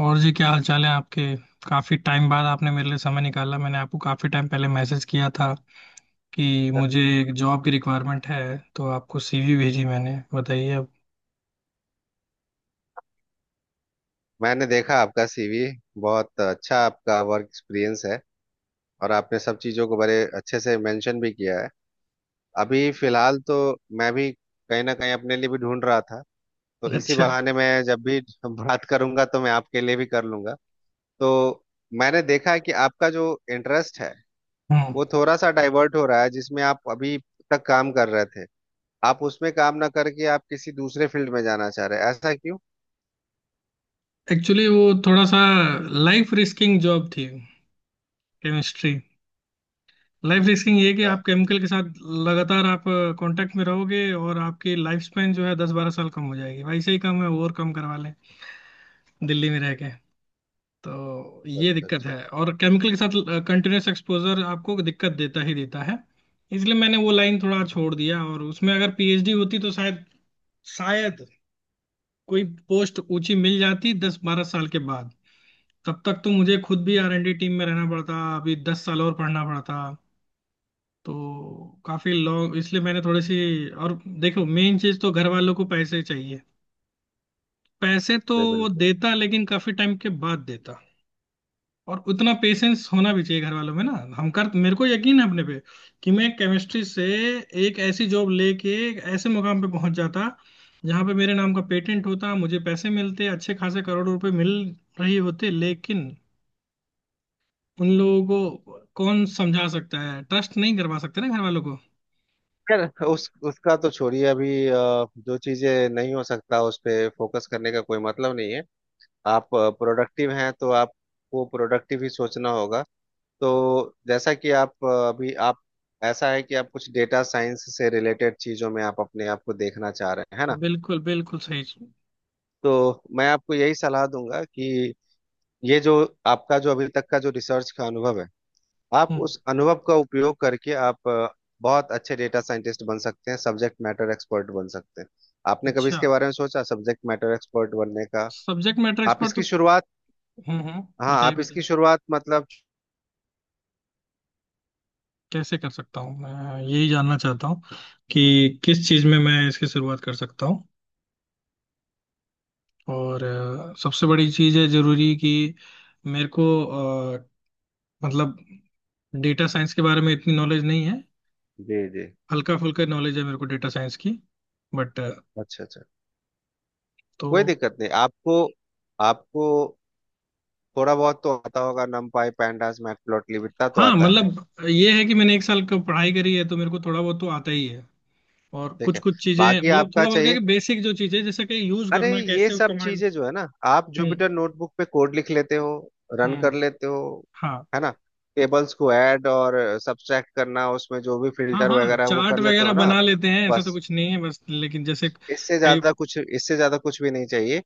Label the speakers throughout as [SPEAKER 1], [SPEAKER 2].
[SPEAKER 1] और जी, क्या हाल चाल है आपके। काफी टाइम बाद आपने मेरे लिए समय निकाला। मैंने आपको काफी टाइम पहले मैसेज किया था कि मुझे एक जॉब की रिक्वायरमेंट है, तो आपको सीवी भेजी मैंने। बताइए अब।
[SPEAKER 2] मैंने देखा आपका सीवी बहुत अच्छा आपका वर्क एक्सपीरियंस है। और आपने सब चीज़ों को बड़े अच्छे से मेंशन भी किया है। अभी फिलहाल तो मैं भी कहीं ना कहीं अपने लिए भी ढूंढ रहा था, तो इसी
[SPEAKER 1] अच्छा।
[SPEAKER 2] बहाने मैं जब भी बात करूंगा तो मैं आपके लिए भी कर लूंगा। तो मैंने देखा है कि आपका जो इंटरेस्ट है,
[SPEAKER 1] हम्म।
[SPEAKER 2] वो थोड़ा सा डाइवर्ट हो रहा है। जिसमें आप अभी तक काम कर रहे थे, आप उसमें काम ना करके आप किसी दूसरे फील्ड में जाना चाह रहे हैं, ऐसा क्यों?
[SPEAKER 1] एक्चुअली वो थोड़ा सा लाइफ रिस्किंग जॉब थी, केमिस्ट्री। लाइफ रिस्किंग ये कि
[SPEAKER 2] अच्छा
[SPEAKER 1] आप केमिकल के साथ लगातार आप कांटेक्ट में रहोगे और आपकी लाइफ स्पेन जो है 10-12 साल कम हो जाएगी। भाई से ही कम है और कम करवा लें दिल्ली में रह के। तो ये
[SPEAKER 2] अच्छा
[SPEAKER 1] दिक्कत
[SPEAKER 2] अच्छा
[SPEAKER 1] है
[SPEAKER 2] अच्छा,
[SPEAKER 1] और केमिकल के साथ कंटिन्यूस एक्सपोजर आपको दिक्कत देता ही देता है। इसलिए मैंने वो लाइन थोड़ा छोड़ दिया और उसमें अगर पीएचडी होती तो शायद शायद कोई पोस्ट ऊंची मिल जाती 10-12 साल के बाद। तब तक तो मुझे खुद भी आर एन डी टीम में रहना पड़ता, अभी 10 साल और पढ़ना पड़ता, तो काफी लॉन्ग। इसलिए मैंने थोड़ी सी। और देखो मेन चीज तो घर वालों को पैसे चाहिए। पैसे तो
[SPEAKER 2] जी,
[SPEAKER 1] वो
[SPEAKER 2] बिल्कुल।
[SPEAKER 1] देता लेकिन काफी टाइम के बाद देता। और उतना पेशेंस होना भी चाहिए घर वालों में ना। हम कर। मेरे को यकीन है अपने पे कि मैं केमिस्ट्री से एक ऐसी जॉब लेके एक ऐसे मुकाम पे पहुंच जाता जहां पे मेरे नाम का पेटेंट होता, मुझे पैसे मिलते अच्छे खासे करोड़ों रुपए मिल रही होते, लेकिन उन लोगों को कौन समझा सकता है। ट्रस्ट नहीं करवा सकते ना घर वालों को।
[SPEAKER 2] खैर, उस उसका तो छोड़िए। अभी जो चीजें नहीं हो सकता उस पे फोकस करने का कोई मतलब नहीं है। आप प्रोडक्टिव हैं तो आपको प्रोडक्टिव ही सोचना होगा। तो जैसा कि आप अभी आप, ऐसा है कि आप कुछ डेटा साइंस से रिलेटेड चीजों में आप अपने आप को देखना चाह रहे हैं, है ना।
[SPEAKER 1] बिल्कुल बिल्कुल सही।
[SPEAKER 2] तो मैं आपको यही सलाह दूंगा कि ये जो आपका जो अभी तक का जो रिसर्च का अनुभव है, आप
[SPEAKER 1] हम्म।
[SPEAKER 2] उस अनुभव का उपयोग करके आप बहुत अच्छे डेटा साइंटिस्ट बन सकते हैं, सब्जेक्ट मैटर एक्सपर्ट बन सकते हैं। आपने कभी
[SPEAKER 1] अच्छा।
[SPEAKER 2] इसके बारे में सोचा सब्जेक्ट मैटर एक्सपर्ट बनने का?
[SPEAKER 1] सब्जेक्ट मैटर
[SPEAKER 2] आप
[SPEAKER 1] एक्सपर्ट
[SPEAKER 2] इसकी
[SPEAKER 1] तो।
[SPEAKER 2] शुरुआत।
[SPEAKER 1] हम्म,
[SPEAKER 2] हाँ,
[SPEAKER 1] बताइए
[SPEAKER 2] आप
[SPEAKER 1] बताइए।
[SPEAKER 2] इसकी शुरुआत मतलब।
[SPEAKER 1] कैसे कर सकता हूँ मैं, यही जानना चाहता हूँ कि किस चीज़ में मैं इसकी शुरुआत कर सकता हूँ। और सबसे बड़ी चीज़ है जरूरी कि मेरे को अ, मतलब डेटा साइंस के बारे में इतनी नॉलेज नहीं है।
[SPEAKER 2] जी जी।
[SPEAKER 1] हल्का फुल्का नॉलेज है मेरे को डेटा साइंस की, बट।
[SPEAKER 2] अच्छा अच्छा।
[SPEAKER 1] तो
[SPEAKER 2] कोई दिक्कत नहीं आपको। आपको थोड़ा बहुत तो आता होगा numpy pandas matplotlib, इतना तो
[SPEAKER 1] हाँ,
[SPEAKER 2] आता है।
[SPEAKER 1] मतलब ये है कि मैंने एक साल का पढ़ाई करी है तो मेरे को थोड़ा बहुत तो आता ही है। और
[SPEAKER 2] ठीक
[SPEAKER 1] कुछ
[SPEAKER 2] है,
[SPEAKER 1] कुछ चीज़ें
[SPEAKER 2] बाकी
[SPEAKER 1] मतलब
[SPEAKER 2] आपका
[SPEAKER 1] थोड़ा बहुत क्या
[SPEAKER 2] चाहिए।
[SPEAKER 1] है कि बेसिक जो चीज़ें, जैसे कि यूज़
[SPEAKER 2] अरे
[SPEAKER 1] करना
[SPEAKER 2] ये
[SPEAKER 1] कैसे,
[SPEAKER 2] सब
[SPEAKER 1] कमांड।
[SPEAKER 2] चीजें जो है ना, आप जुपिटर
[SPEAKER 1] हम्म
[SPEAKER 2] नोटबुक पे कोड लिख लेते हो, रन
[SPEAKER 1] हम्म।
[SPEAKER 2] कर लेते हो,
[SPEAKER 1] हाँ।
[SPEAKER 2] है ना। टेबल्स को ऐड और सब्ट्रैक्ट करना, उसमें जो भी
[SPEAKER 1] हाँ
[SPEAKER 2] फिल्टर
[SPEAKER 1] हाँ,
[SPEAKER 2] वगैरह है, वो
[SPEAKER 1] चार्ट
[SPEAKER 2] कर लेते
[SPEAKER 1] वगैरह
[SPEAKER 2] हो ना
[SPEAKER 1] बना
[SPEAKER 2] आप।
[SPEAKER 1] लेते हैं, ऐसा तो
[SPEAKER 2] बस
[SPEAKER 1] कुछ नहीं है बस, लेकिन जैसे
[SPEAKER 2] इससे
[SPEAKER 1] कई।
[SPEAKER 2] ज्यादा कुछ, इससे ज्यादा कुछ भी नहीं चाहिए।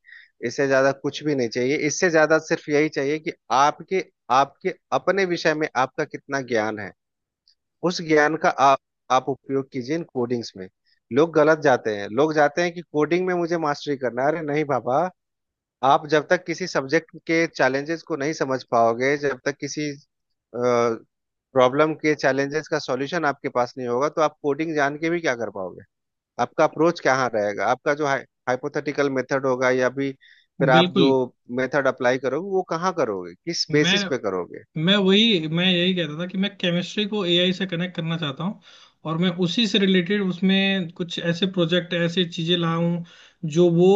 [SPEAKER 2] इससे ज्यादा कुछ भी नहीं चाहिए। इससे ज्यादा सिर्फ यही चाहिए कि आपके आपके अपने विषय में आपका कितना ज्ञान है। उस ज्ञान का आप उपयोग कीजिए इन कोडिंग्स में। लोग गलत जाते हैं, लोग जाते हैं कि कोडिंग में मुझे मास्टरी करना है। अरे नहीं बाबा, आप जब तक किसी सब्जेक्ट के चैलेंजेस को नहीं समझ पाओगे, जब तक किसी प्रॉब्लम के चैलेंजेस का सॉल्यूशन आपके पास नहीं होगा, तो आप कोडिंग जान के भी क्या कर पाओगे? आपका अप्रोच कहाँ रहेगा? आपका जो हाइपोथेटिकल मेथड होगा या भी फिर आप जो
[SPEAKER 1] बिल्कुल।
[SPEAKER 2] मेथड अप्लाई करोगे, वो कहाँ करोगे, किस
[SPEAKER 1] मैं
[SPEAKER 2] बेसिस पे करोगे?
[SPEAKER 1] मैं यही कहता था कि मैं केमिस्ट्री को एआई से कनेक्ट करना चाहता हूँ और मैं उसी से रिलेटेड उसमें कुछ ऐसे प्रोजेक्ट, ऐसी चीजें लाऊं जो वो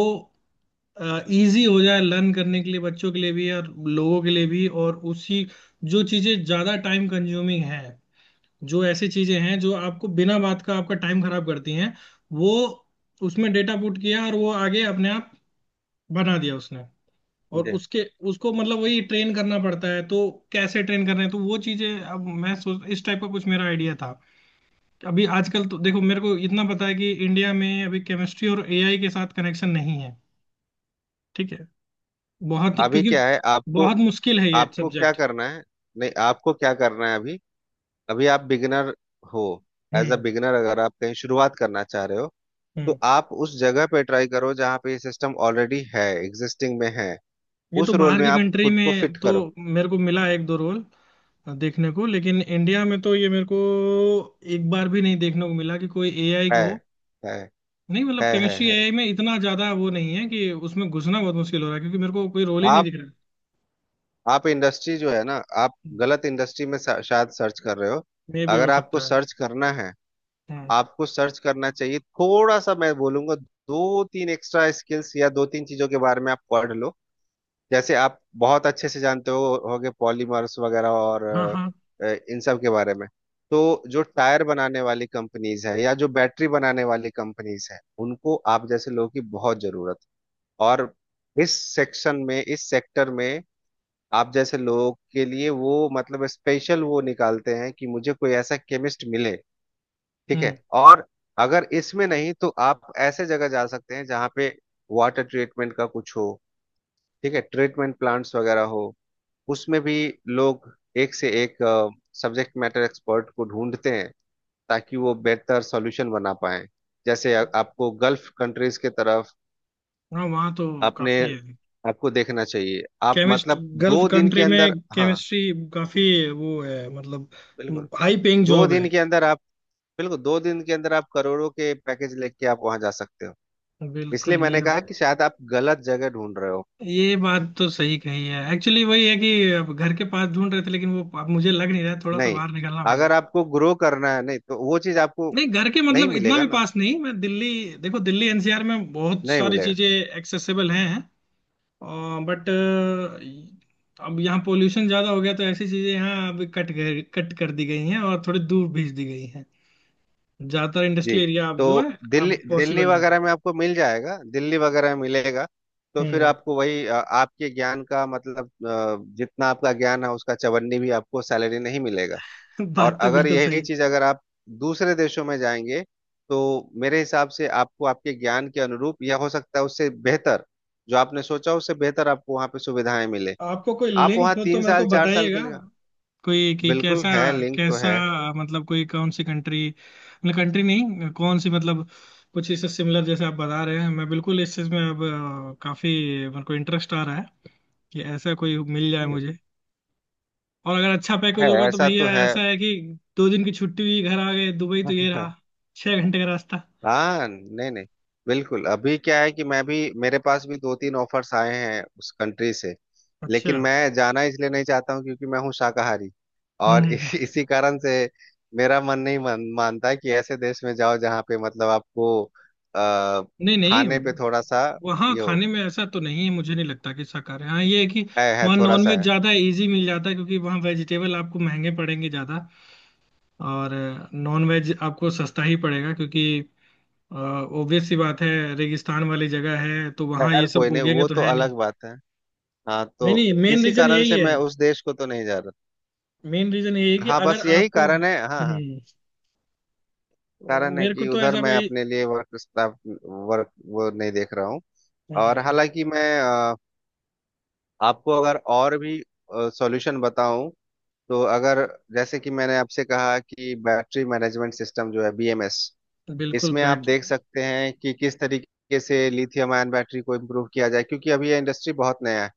[SPEAKER 1] इजी हो जाए लर्न करने के लिए, बच्चों के लिए भी और लोगों के लिए भी। और उसी जो चीजें ज्यादा टाइम कंज्यूमिंग है, जो ऐसी चीजें हैं जो आपको बिना बात का आपका टाइम खराब करती हैं, वो उसमें डेटा पुट किया और वो आगे अपने आप बना दिया उसने। और
[SPEAKER 2] जी।
[SPEAKER 1] उसके उसको मतलब वही ट्रेन करना पड़ता है, तो कैसे ट्रेन कर रहे हैं। तो वो चीजें अब मैं सोच, इस टाइप का कुछ मेरा आइडिया था। अभी आजकल तो देखो मेरे को इतना पता है कि इंडिया में अभी केमिस्ट्री और एआई के साथ कनेक्शन नहीं है, ठीक है। बहुत ही
[SPEAKER 2] अभी
[SPEAKER 1] क्योंकि
[SPEAKER 2] क्या है आपको,
[SPEAKER 1] बहुत मुश्किल है ये
[SPEAKER 2] आपको क्या
[SPEAKER 1] सब्जेक्ट।
[SPEAKER 2] करना है। नहीं, आपको क्या करना है अभी, अभी आप बिगिनर हो। एज अ
[SPEAKER 1] हम्म
[SPEAKER 2] बिगिनर अगर आप कहीं शुरुआत करना चाह रहे हो,
[SPEAKER 1] हम्म।
[SPEAKER 2] तो आप उस जगह पे ट्राई करो जहाँ पे ये सिस्टम ऑलरेडी है, एग्जिस्टिंग में है।
[SPEAKER 1] ये तो
[SPEAKER 2] उस रोल
[SPEAKER 1] बाहर
[SPEAKER 2] में
[SPEAKER 1] की
[SPEAKER 2] आप
[SPEAKER 1] कंट्री
[SPEAKER 2] खुद को
[SPEAKER 1] में
[SPEAKER 2] फिट
[SPEAKER 1] तो
[SPEAKER 2] करो।
[SPEAKER 1] मेरे को मिला एक दो रोल देखने को, लेकिन इंडिया में तो ये मेरे को एक बार भी नहीं देखने को मिला कि कोई एआई
[SPEAKER 2] है,
[SPEAKER 1] को।
[SPEAKER 2] है,
[SPEAKER 1] नहीं, मतलब
[SPEAKER 2] है, है,
[SPEAKER 1] केमिस्ट्री
[SPEAKER 2] है।
[SPEAKER 1] एआई में इतना ज्यादा वो नहीं है कि उसमें घुसना बहुत मुश्किल हो रहा है क्योंकि मेरे को कोई रोल ही नहीं
[SPEAKER 2] आप
[SPEAKER 1] दिख रहा
[SPEAKER 2] आप इंडस्ट्री जो है ना, आप
[SPEAKER 1] है।
[SPEAKER 2] गलत इंडस्ट्री में शायद सर्च कर रहे हो।
[SPEAKER 1] मे भी हो
[SPEAKER 2] अगर आपको
[SPEAKER 1] सकता है।
[SPEAKER 2] सर्च करना है,
[SPEAKER 1] हम्म।
[SPEAKER 2] आपको सर्च करना चाहिए थोड़ा सा। मैं बोलूंगा दो तीन एक्स्ट्रा स्किल्स या दो तीन चीजों के बारे में आप पढ़ लो। जैसे आप बहुत अच्छे से जानते हो होगे पॉलीमर्स वगैरह और
[SPEAKER 1] हाँ हाँ।
[SPEAKER 2] इन सब के बारे में। तो जो टायर बनाने वाली कंपनीज है या जो बैटरी बनाने वाली कंपनीज है, उनको आप जैसे लोगों की बहुत जरूरत है। और इस सेक्शन में, इस सेक्टर में, आप जैसे लोगों के लिए वो मतलब स्पेशल वो निकालते हैं कि मुझे कोई ऐसा केमिस्ट मिले। ठीक है।
[SPEAKER 1] हम्म।
[SPEAKER 2] और अगर इसमें नहीं तो आप ऐसे जगह जा सकते हैं जहाँ पे वाटर ट्रीटमेंट का कुछ हो। ठीक है, ट्रीटमेंट प्लांट्स वगैरह हो। उसमें भी लोग एक से एक सब्जेक्ट मैटर एक्सपर्ट को ढूंढते हैं, ताकि वो बेहतर सॉल्यूशन बना पाए। जैसे आपको गल्फ कंट्रीज के तरफ
[SPEAKER 1] हाँ वहाँ तो
[SPEAKER 2] आपने,
[SPEAKER 1] काफी है।
[SPEAKER 2] आपको देखना चाहिए। आप
[SPEAKER 1] केमिस्ट
[SPEAKER 2] मतलब
[SPEAKER 1] गल्फ
[SPEAKER 2] 2 दिन के
[SPEAKER 1] कंट्री
[SPEAKER 2] अंदर,
[SPEAKER 1] में,
[SPEAKER 2] हाँ,
[SPEAKER 1] केमिस्ट्री काफी वो है मतलब
[SPEAKER 2] बिल्कुल
[SPEAKER 1] हाई पेइंग
[SPEAKER 2] दो
[SPEAKER 1] जॉब है।
[SPEAKER 2] दिन के अंदर आप, बिल्कुल दो दिन के अंदर आप करोड़ों के पैकेज लेके आप वहां जा सकते हो। इसलिए
[SPEAKER 1] बिल्कुल ये।
[SPEAKER 2] मैंने कहा कि शायद आप गलत जगह ढूंढ रहे हो।
[SPEAKER 1] ये बात तो सही कही है, एक्चुअली वही है कि अब घर के पास ढूंढ रहे थे लेकिन वो अब मुझे लग नहीं रहा है, थोड़ा सा
[SPEAKER 2] नहीं,
[SPEAKER 1] बाहर निकलना पड़ेगा।
[SPEAKER 2] अगर आपको ग्रो करना है, नहीं तो वो चीज आपको
[SPEAKER 1] नहीं घर के
[SPEAKER 2] नहीं
[SPEAKER 1] मतलब इतना
[SPEAKER 2] मिलेगा
[SPEAKER 1] भी
[SPEAKER 2] ना,
[SPEAKER 1] पास नहीं, मैं दिल्ली। देखो दिल्ली एनसीआर में बहुत
[SPEAKER 2] नहीं
[SPEAKER 1] सारी
[SPEAKER 2] मिलेगा।
[SPEAKER 1] चीजें एक्सेसिबल हैं, बट अब यहाँ पोल्यूशन ज्यादा हो गया तो ऐसी चीजें यहाँ अब कट गए, कट कर दी गई हैं और थोड़ी दूर भेज दी गई हैं। ज्यादातर
[SPEAKER 2] जी,
[SPEAKER 1] इंडस्ट्रियल एरिया अब
[SPEAKER 2] तो
[SPEAKER 1] जो है,
[SPEAKER 2] दिल्ली,
[SPEAKER 1] अब
[SPEAKER 2] दिल्ली
[SPEAKER 1] पॉसिबल नहीं।
[SPEAKER 2] वगैरह में आपको मिल जाएगा, दिल्ली वगैरह में मिलेगा। तो फिर
[SPEAKER 1] हम्म
[SPEAKER 2] आपको वही आपके ज्ञान का मतलब जितना आपका ज्ञान है उसका चवन्नी भी आपको सैलरी नहीं मिलेगा। और
[SPEAKER 1] बात तो
[SPEAKER 2] अगर
[SPEAKER 1] बिल्कुल सही
[SPEAKER 2] यही
[SPEAKER 1] है।
[SPEAKER 2] चीज अगर आप दूसरे देशों में जाएंगे, तो मेरे हिसाब से आपको आपके ज्ञान के अनुरूप या हो सकता है उससे बेहतर, जो आपने सोचा उससे बेहतर आपको वहाँ पे सुविधाएं मिले।
[SPEAKER 1] आपको कोई
[SPEAKER 2] आप वहाँ
[SPEAKER 1] लिंक हो तो
[SPEAKER 2] तीन
[SPEAKER 1] मेरे को
[SPEAKER 2] साल 4 साल के
[SPEAKER 1] बताइएगा,
[SPEAKER 2] लिए।
[SPEAKER 1] कोई कि
[SPEAKER 2] बिल्कुल
[SPEAKER 1] कैसा।
[SPEAKER 2] है, लिंक तो
[SPEAKER 1] कैसा
[SPEAKER 2] है।
[SPEAKER 1] मतलब कोई, कौन सी कंट्री, मतलब कंट्री नहीं, कौन सी मतलब कुछ इससे सिमिलर जैसे आप बता रहे हैं। मैं बिल्कुल इस चीज में अब काफी मेरे को इंटरेस्ट आ रहा है कि ऐसा कोई मिल जाए
[SPEAKER 2] जी।
[SPEAKER 1] मुझे। और अगर अच्छा पैकेज
[SPEAKER 2] है,
[SPEAKER 1] होगा तो
[SPEAKER 2] ऐसा तो
[SPEAKER 1] भैया
[SPEAKER 2] है।
[SPEAKER 1] ऐसा है कि दो दिन की छुट्टी हुई घर आ गए, दुबई तो ये रहा, 6 घंटे का रास्ता।
[SPEAKER 2] हाँ, नहीं नहीं, बिल्कुल। अभी क्या है कि मैं भी, मेरे पास भी दो तीन ऑफर्स आए हैं उस कंट्री से।
[SPEAKER 1] अच्छा।
[SPEAKER 2] लेकिन मैं जाना इसलिए नहीं चाहता हूँ क्योंकि मैं हूँ शाकाहारी।
[SPEAKER 1] हम्म
[SPEAKER 2] और
[SPEAKER 1] हम्म, हम्म।
[SPEAKER 2] इसी इसी कारण से मेरा मन नहीं मानता कि ऐसे देश में जाओ जहाँ पे मतलब आपको आ,
[SPEAKER 1] नहीं नहीं,
[SPEAKER 2] खाने पे थोड़ा सा
[SPEAKER 1] वहाँ
[SPEAKER 2] ये हो।
[SPEAKER 1] खाने में ऐसा तो नहीं है मुझे नहीं लगता कि शाकाहारी। हाँ ये है कि
[SPEAKER 2] है
[SPEAKER 1] वहाँ
[SPEAKER 2] थोड़ा सा
[SPEAKER 1] नॉनवेज
[SPEAKER 2] है।
[SPEAKER 1] ज्यादा इजी मिल जाता है क्योंकि वहाँ वेजिटेबल आपको महंगे पड़ेंगे ज्यादा। और नॉन वेज आपको सस्ता ही पड़ेगा क्योंकि ऑब्वियस सी बात है, रेगिस्तान वाली जगह है, तो वहाँ
[SPEAKER 2] खैर,
[SPEAKER 1] ये
[SPEAKER 2] कोई
[SPEAKER 1] सब
[SPEAKER 2] नहीं,
[SPEAKER 1] उगेंगे
[SPEAKER 2] वो
[SPEAKER 1] तो
[SPEAKER 2] तो
[SPEAKER 1] है
[SPEAKER 2] अलग
[SPEAKER 1] नहीं।
[SPEAKER 2] बात है। हाँ, तो
[SPEAKER 1] नहीं नहीं, मेन
[SPEAKER 2] इसी
[SPEAKER 1] रीजन
[SPEAKER 2] कारण
[SPEAKER 1] यही
[SPEAKER 2] से
[SPEAKER 1] है।
[SPEAKER 2] मैं उस देश को तो नहीं जा रहा।
[SPEAKER 1] मेन रीजन यही है कि
[SPEAKER 2] हाँ,
[SPEAKER 1] अगर
[SPEAKER 2] बस यही
[SPEAKER 1] आपको
[SPEAKER 2] कारण है, हाँ हाँ।
[SPEAKER 1] तो
[SPEAKER 2] कारण है
[SPEAKER 1] मेरे को
[SPEAKER 2] कि
[SPEAKER 1] तो
[SPEAKER 2] उधर
[SPEAKER 1] ऐसा
[SPEAKER 2] मैं
[SPEAKER 1] कोई।
[SPEAKER 2] अपने लिए वर्क स्टाफ, वर्क वो नहीं देख रहा हूँ। और
[SPEAKER 1] हम्म,
[SPEAKER 2] हालांकि मैं आपको अगर और भी सॉल्यूशन बताऊं, तो अगर जैसे कि मैंने आपसे कहा कि बैटरी मैनेजमेंट सिस्टम जो है, बीएमएस,
[SPEAKER 1] बिल्कुल
[SPEAKER 2] इसमें आप
[SPEAKER 1] बैठ।
[SPEAKER 2] देख सकते हैं कि किस तरीके से लिथियम आयन बैटरी को इम्प्रूव किया जाए, क्योंकि अभी ये इंडस्ट्री बहुत नया है।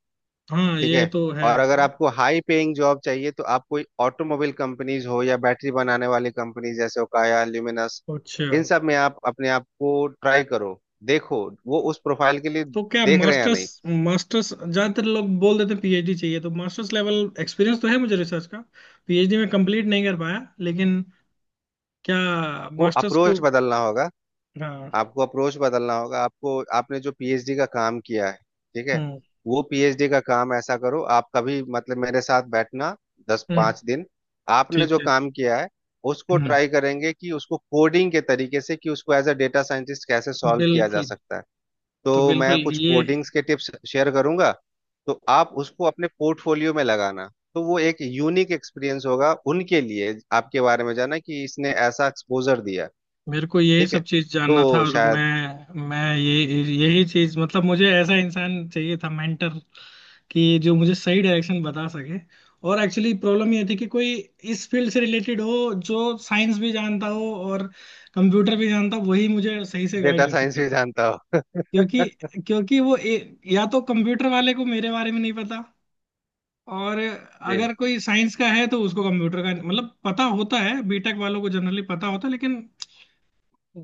[SPEAKER 1] हाँ
[SPEAKER 2] ठीक
[SPEAKER 1] ये
[SPEAKER 2] है।
[SPEAKER 1] तो है।
[SPEAKER 2] और अगर आपको हाई पेइंग जॉब चाहिए तो आप कोई ऑटोमोबाइल कंपनीज हो या बैटरी बनाने वाली कंपनीज जैसे ओकाया, ल्यूमिनस,
[SPEAKER 1] अच्छा।
[SPEAKER 2] इन सब में आप अपने आप को ट्राई करो। देखो, वो उस प्रोफाइल के लिए
[SPEAKER 1] तो क्या
[SPEAKER 2] देख रहे हैं या
[SPEAKER 1] मास्टर्स।
[SPEAKER 2] नहीं।
[SPEAKER 1] मास्टर्स ज्यादातर लोग बोल देते हैं पीएचडी चाहिए, तो मास्टर्स लेवल एक्सपीरियंस तो है मुझे रिसर्च का। पीएचडी में कंप्लीट नहीं कर पाया, लेकिन क्या
[SPEAKER 2] वो
[SPEAKER 1] मास्टर्स को।
[SPEAKER 2] अप्रोच बदलना होगा।
[SPEAKER 1] हाँ।
[SPEAKER 2] आपको अप्रोच बदलना होगा। आपको, आपने जो पीएचडी का काम किया है, ठीक है,
[SPEAKER 1] हम्म,
[SPEAKER 2] वो पीएचडी का काम ऐसा करो। आप कभी मतलब मेरे साथ बैठना, दस
[SPEAKER 1] हम्म।
[SPEAKER 2] पांच दिन। आपने
[SPEAKER 1] ठीक
[SPEAKER 2] जो
[SPEAKER 1] है।
[SPEAKER 2] काम किया है, उसको
[SPEAKER 1] हम्म।
[SPEAKER 2] ट्राई करेंगे कि उसको कोडिंग के तरीके से कि उसको एज अ डेटा साइंटिस्ट कैसे सॉल्व किया जा
[SPEAKER 1] बिल्कुल।
[SPEAKER 2] सकता है।
[SPEAKER 1] तो
[SPEAKER 2] तो मैं
[SPEAKER 1] बिल्कुल
[SPEAKER 2] कुछ
[SPEAKER 1] ये
[SPEAKER 2] कोडिंग्स के टिप्स शेयर करूंगा। तो आप उसको अपने पोर्टफोलियो में लगाना, तो वो एक यूनिक एक्सपीरियंस होगा उनके लिए आपके बारे में जाना कि इसने ऐसा एक्सपोजर दिया।
[SPEAKER 1] मेरे को यही
[SPEAKER 2] ठीक है।
[SPEAKER 1] सब चीज जानना था
[SPEAKER 2] तो
[SPEAKER 1] और
[SPEAKER 2] शायद,
[SPEAKER 1] मैं ये यही चीज मतलब मुझे ऐसा इंसान चाहिए था मेंटर कि जो मुझे सही डायरेक्शन बता सके। और एक्चुअली प्रॉब्लम ये थी कि कोई इस फील्ड से रिलेटेड हो, जो साइंस भी जानता हो और कंप्यूटर भी जानता हो, वही मुझे सही से गाइड
[SPEAKER 2] डेटा
[SPEAKER 1] कर
[SPEAKER 2] साइंस
[SPEAKER 1] सकता
[SPEAKER 2] भी
[SPEAKER 1] था।
[SPEAKER 2] जानता हो।
[SPEAKER 1] क्योंकि क्योंकि वो या तो कंप्यूटर वाले को मेरे बारे में नहीं पता। और
[SPEAKER 2] जी
[SPEAKER 1] अगर कोई साइंस का है तो उसको कंप्यूटर का मतलब पता होता है, बीटेक वालों को जनरली पता होता है, लेकिन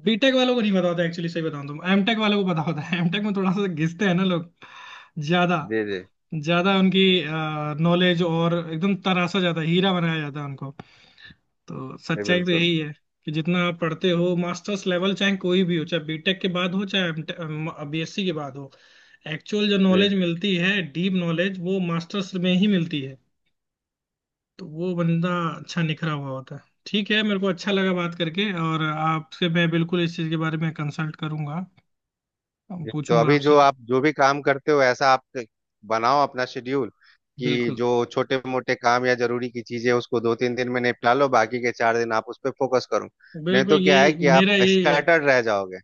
[SPEAKER 1] बीटेक वालों को नहीं पता होता। एक्चुअली सही बताऊं तो एमटेक वालों को पता होता है एमटेक में थोड़ा सा घिसते हैं ना लोग ज्यादा,
[SPEAKER 2] जी। जी
[SPEAKER 1] ज्यादा उनकी नॉलेज। और एकदम तरासा जाता है, हीरा बनाया जाता है उनको। तो
[SPEAKER 2] जी।
[SPEAKER 1] सच्चाई तो
[SPEAKER 2] बिल्कुल।
[SPEAKER 1] यही है कि जितना आप पढ़ते हो मास्टर्स लेवल, चाहे कोई भी हो, चाहे बीटेक के बाद हो चाहे बीएससी के बाद हो, एक्चुअल जो
[SPEAKER 2] जी
[SPEAKER 1] नॉलेज मिलती है डीप नॉलेज, वो मास्टर्स में ही मिलती है। तो वो बंदा अच्छा निखरा हुआ होता है। ठीक है, मेरे को अच्छा लगा बात करके और आपसे मैं बिल्कुल इस चीज के बारे में कंसल्ट करूंगा,
[SPEAKER 2] जी। तो
[SPEAKER 1] पूछूंगा
[SPEAKER 2] अभी
[SPEAKER 1] आपसे।
[SPEAKER 2] जो आप जो भी काम करते हो, ऐसा आप बनाओ अपना शेड्यूल कि
[SPEAKER 1] बिल्कुल
[SPEAKER 2] जो छोटे मोटे काम या जरूरी की चीजें, उसको दो तीन दिन में निपटा लो, बाकी के 4 दिन आप उस पर फोकस करो। नहीं
[SPEAKER 1] बिल्कुल
[SPEAKER 2] तो क्या है कि
[SPEAKER 1] यही
[SPEAKER 2] आप
[SPEAKER 1] मेरा यही है।
[SPEAKER 2] स्कैटर्ड रह जाओगे।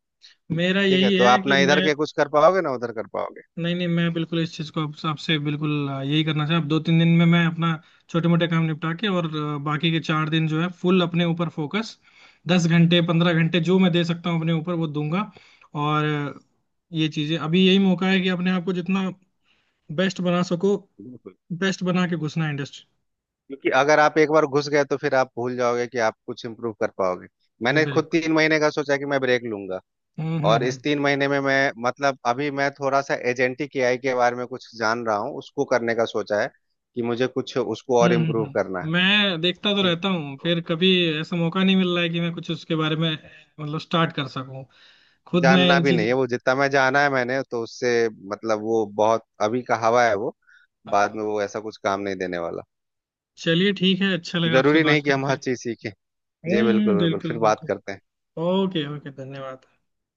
[SPEAKER 1] मेरा
[SPEAKER 2] ठीक है,
[SPEAKER 1] यही
[SPEAKER 2] तो
[SPEAKER 1] है
[SPEAKER 2] आप
[SPEAKER 1] कि
[SPEAKER 2] ना इधर
[SPEAKER 1] मैं।
[SPEAKER 2] के कुछ कर पाओगे ना उधर कर पाओगे।
[SPEAKER 1] नहीं नहीं, मैं बिल्कुल इस चीज को आपसे बिल्कुल यही करना चाहूँ। 2-3 दिन में मैं अपना छोटे मोटे काम निपटा के और बाकी के 4 दिन जो है फुल अपने ऊपर फोकस। 10 घंटे 15 घंटे जो मैं दे सकता हूँ अपने ऊपर वो दूंगा। और ये चीजें अभी यही मौका है कि अपने आप को जितना बेस्ट बना सको,
[SPEAKER 2] बिल्कुल।
[SPEAKER 1] बेस्ट बना के घुसना इंडस्ट्री।
[SPEAKER 2] क्योंकि अगर आप एक बार घुस गए तो फिर आप भूल जाओगे कि आप कुछ इम्प्रूव कर पाओगे। मैंने खुद
[SPEAKER 1] बिल्कुल।
[SPEAKER 2] 3 महीने का सोचा कि मैं ब्रेक लूंगा। और
[SPEAKER 1] हम्म।
[SPEAKER 2] इस 3 महीने में मैं मतलब अभी मैं थोड़ा सा एजेंटिक एआई के बारे में कुछ जान रहा हूँ, उसको करने का सोचा है कि मुझे कुछ उसको और इम्प्रूव करना है।
[SPEAKER 1] मैं देखता तो
[SPEAKER 2] ठीक
[SPEAKER 1] रहता हूँ, फिर कभी ऐसा मौका नहीं मिल रहा है कि मैं कुछ उसके बारे में मतलब स्टार्ट कर सकूं
[SPEAKER 2] है,
[SPEAKER 1] खुद मैं
[SPEAKER 2] जानना
[SPEAKER 1] इन
[SPEAKER 2] भी नहीं
[SPEAKER 1] चीज।
[SPEAKER 2] है वो जितना मैं जाना है मैंने, तो उससे मतलब वो बहुत अभी का हवा है वो। बाद
[SPEAKER 1] हाँ।
[SPEAKER 2] में वो ऐसा कुछ काम नहीं देने वाला।
[SPEAKER 1] चलिए ठीक है, अच्छा लगा आपसे
[SPEAKER 2] जरूरी
[SPEAKER 1] बात
[SPEAKER 2] नहीं कि हम
[SPEAKER 1] करके।
[SPEAKER 2] हर चीज सीखें। जी बिल्कुल, बिल्कुल,
[SPEAKER 1] बिल्कुल
[SPEAKER 2] फिर बात
[SPEAKER 1] बिल्कुल।
[SPEAKER 2] करते हैं।
[SPEAKER 1] ओके ओके, धन्यवाद।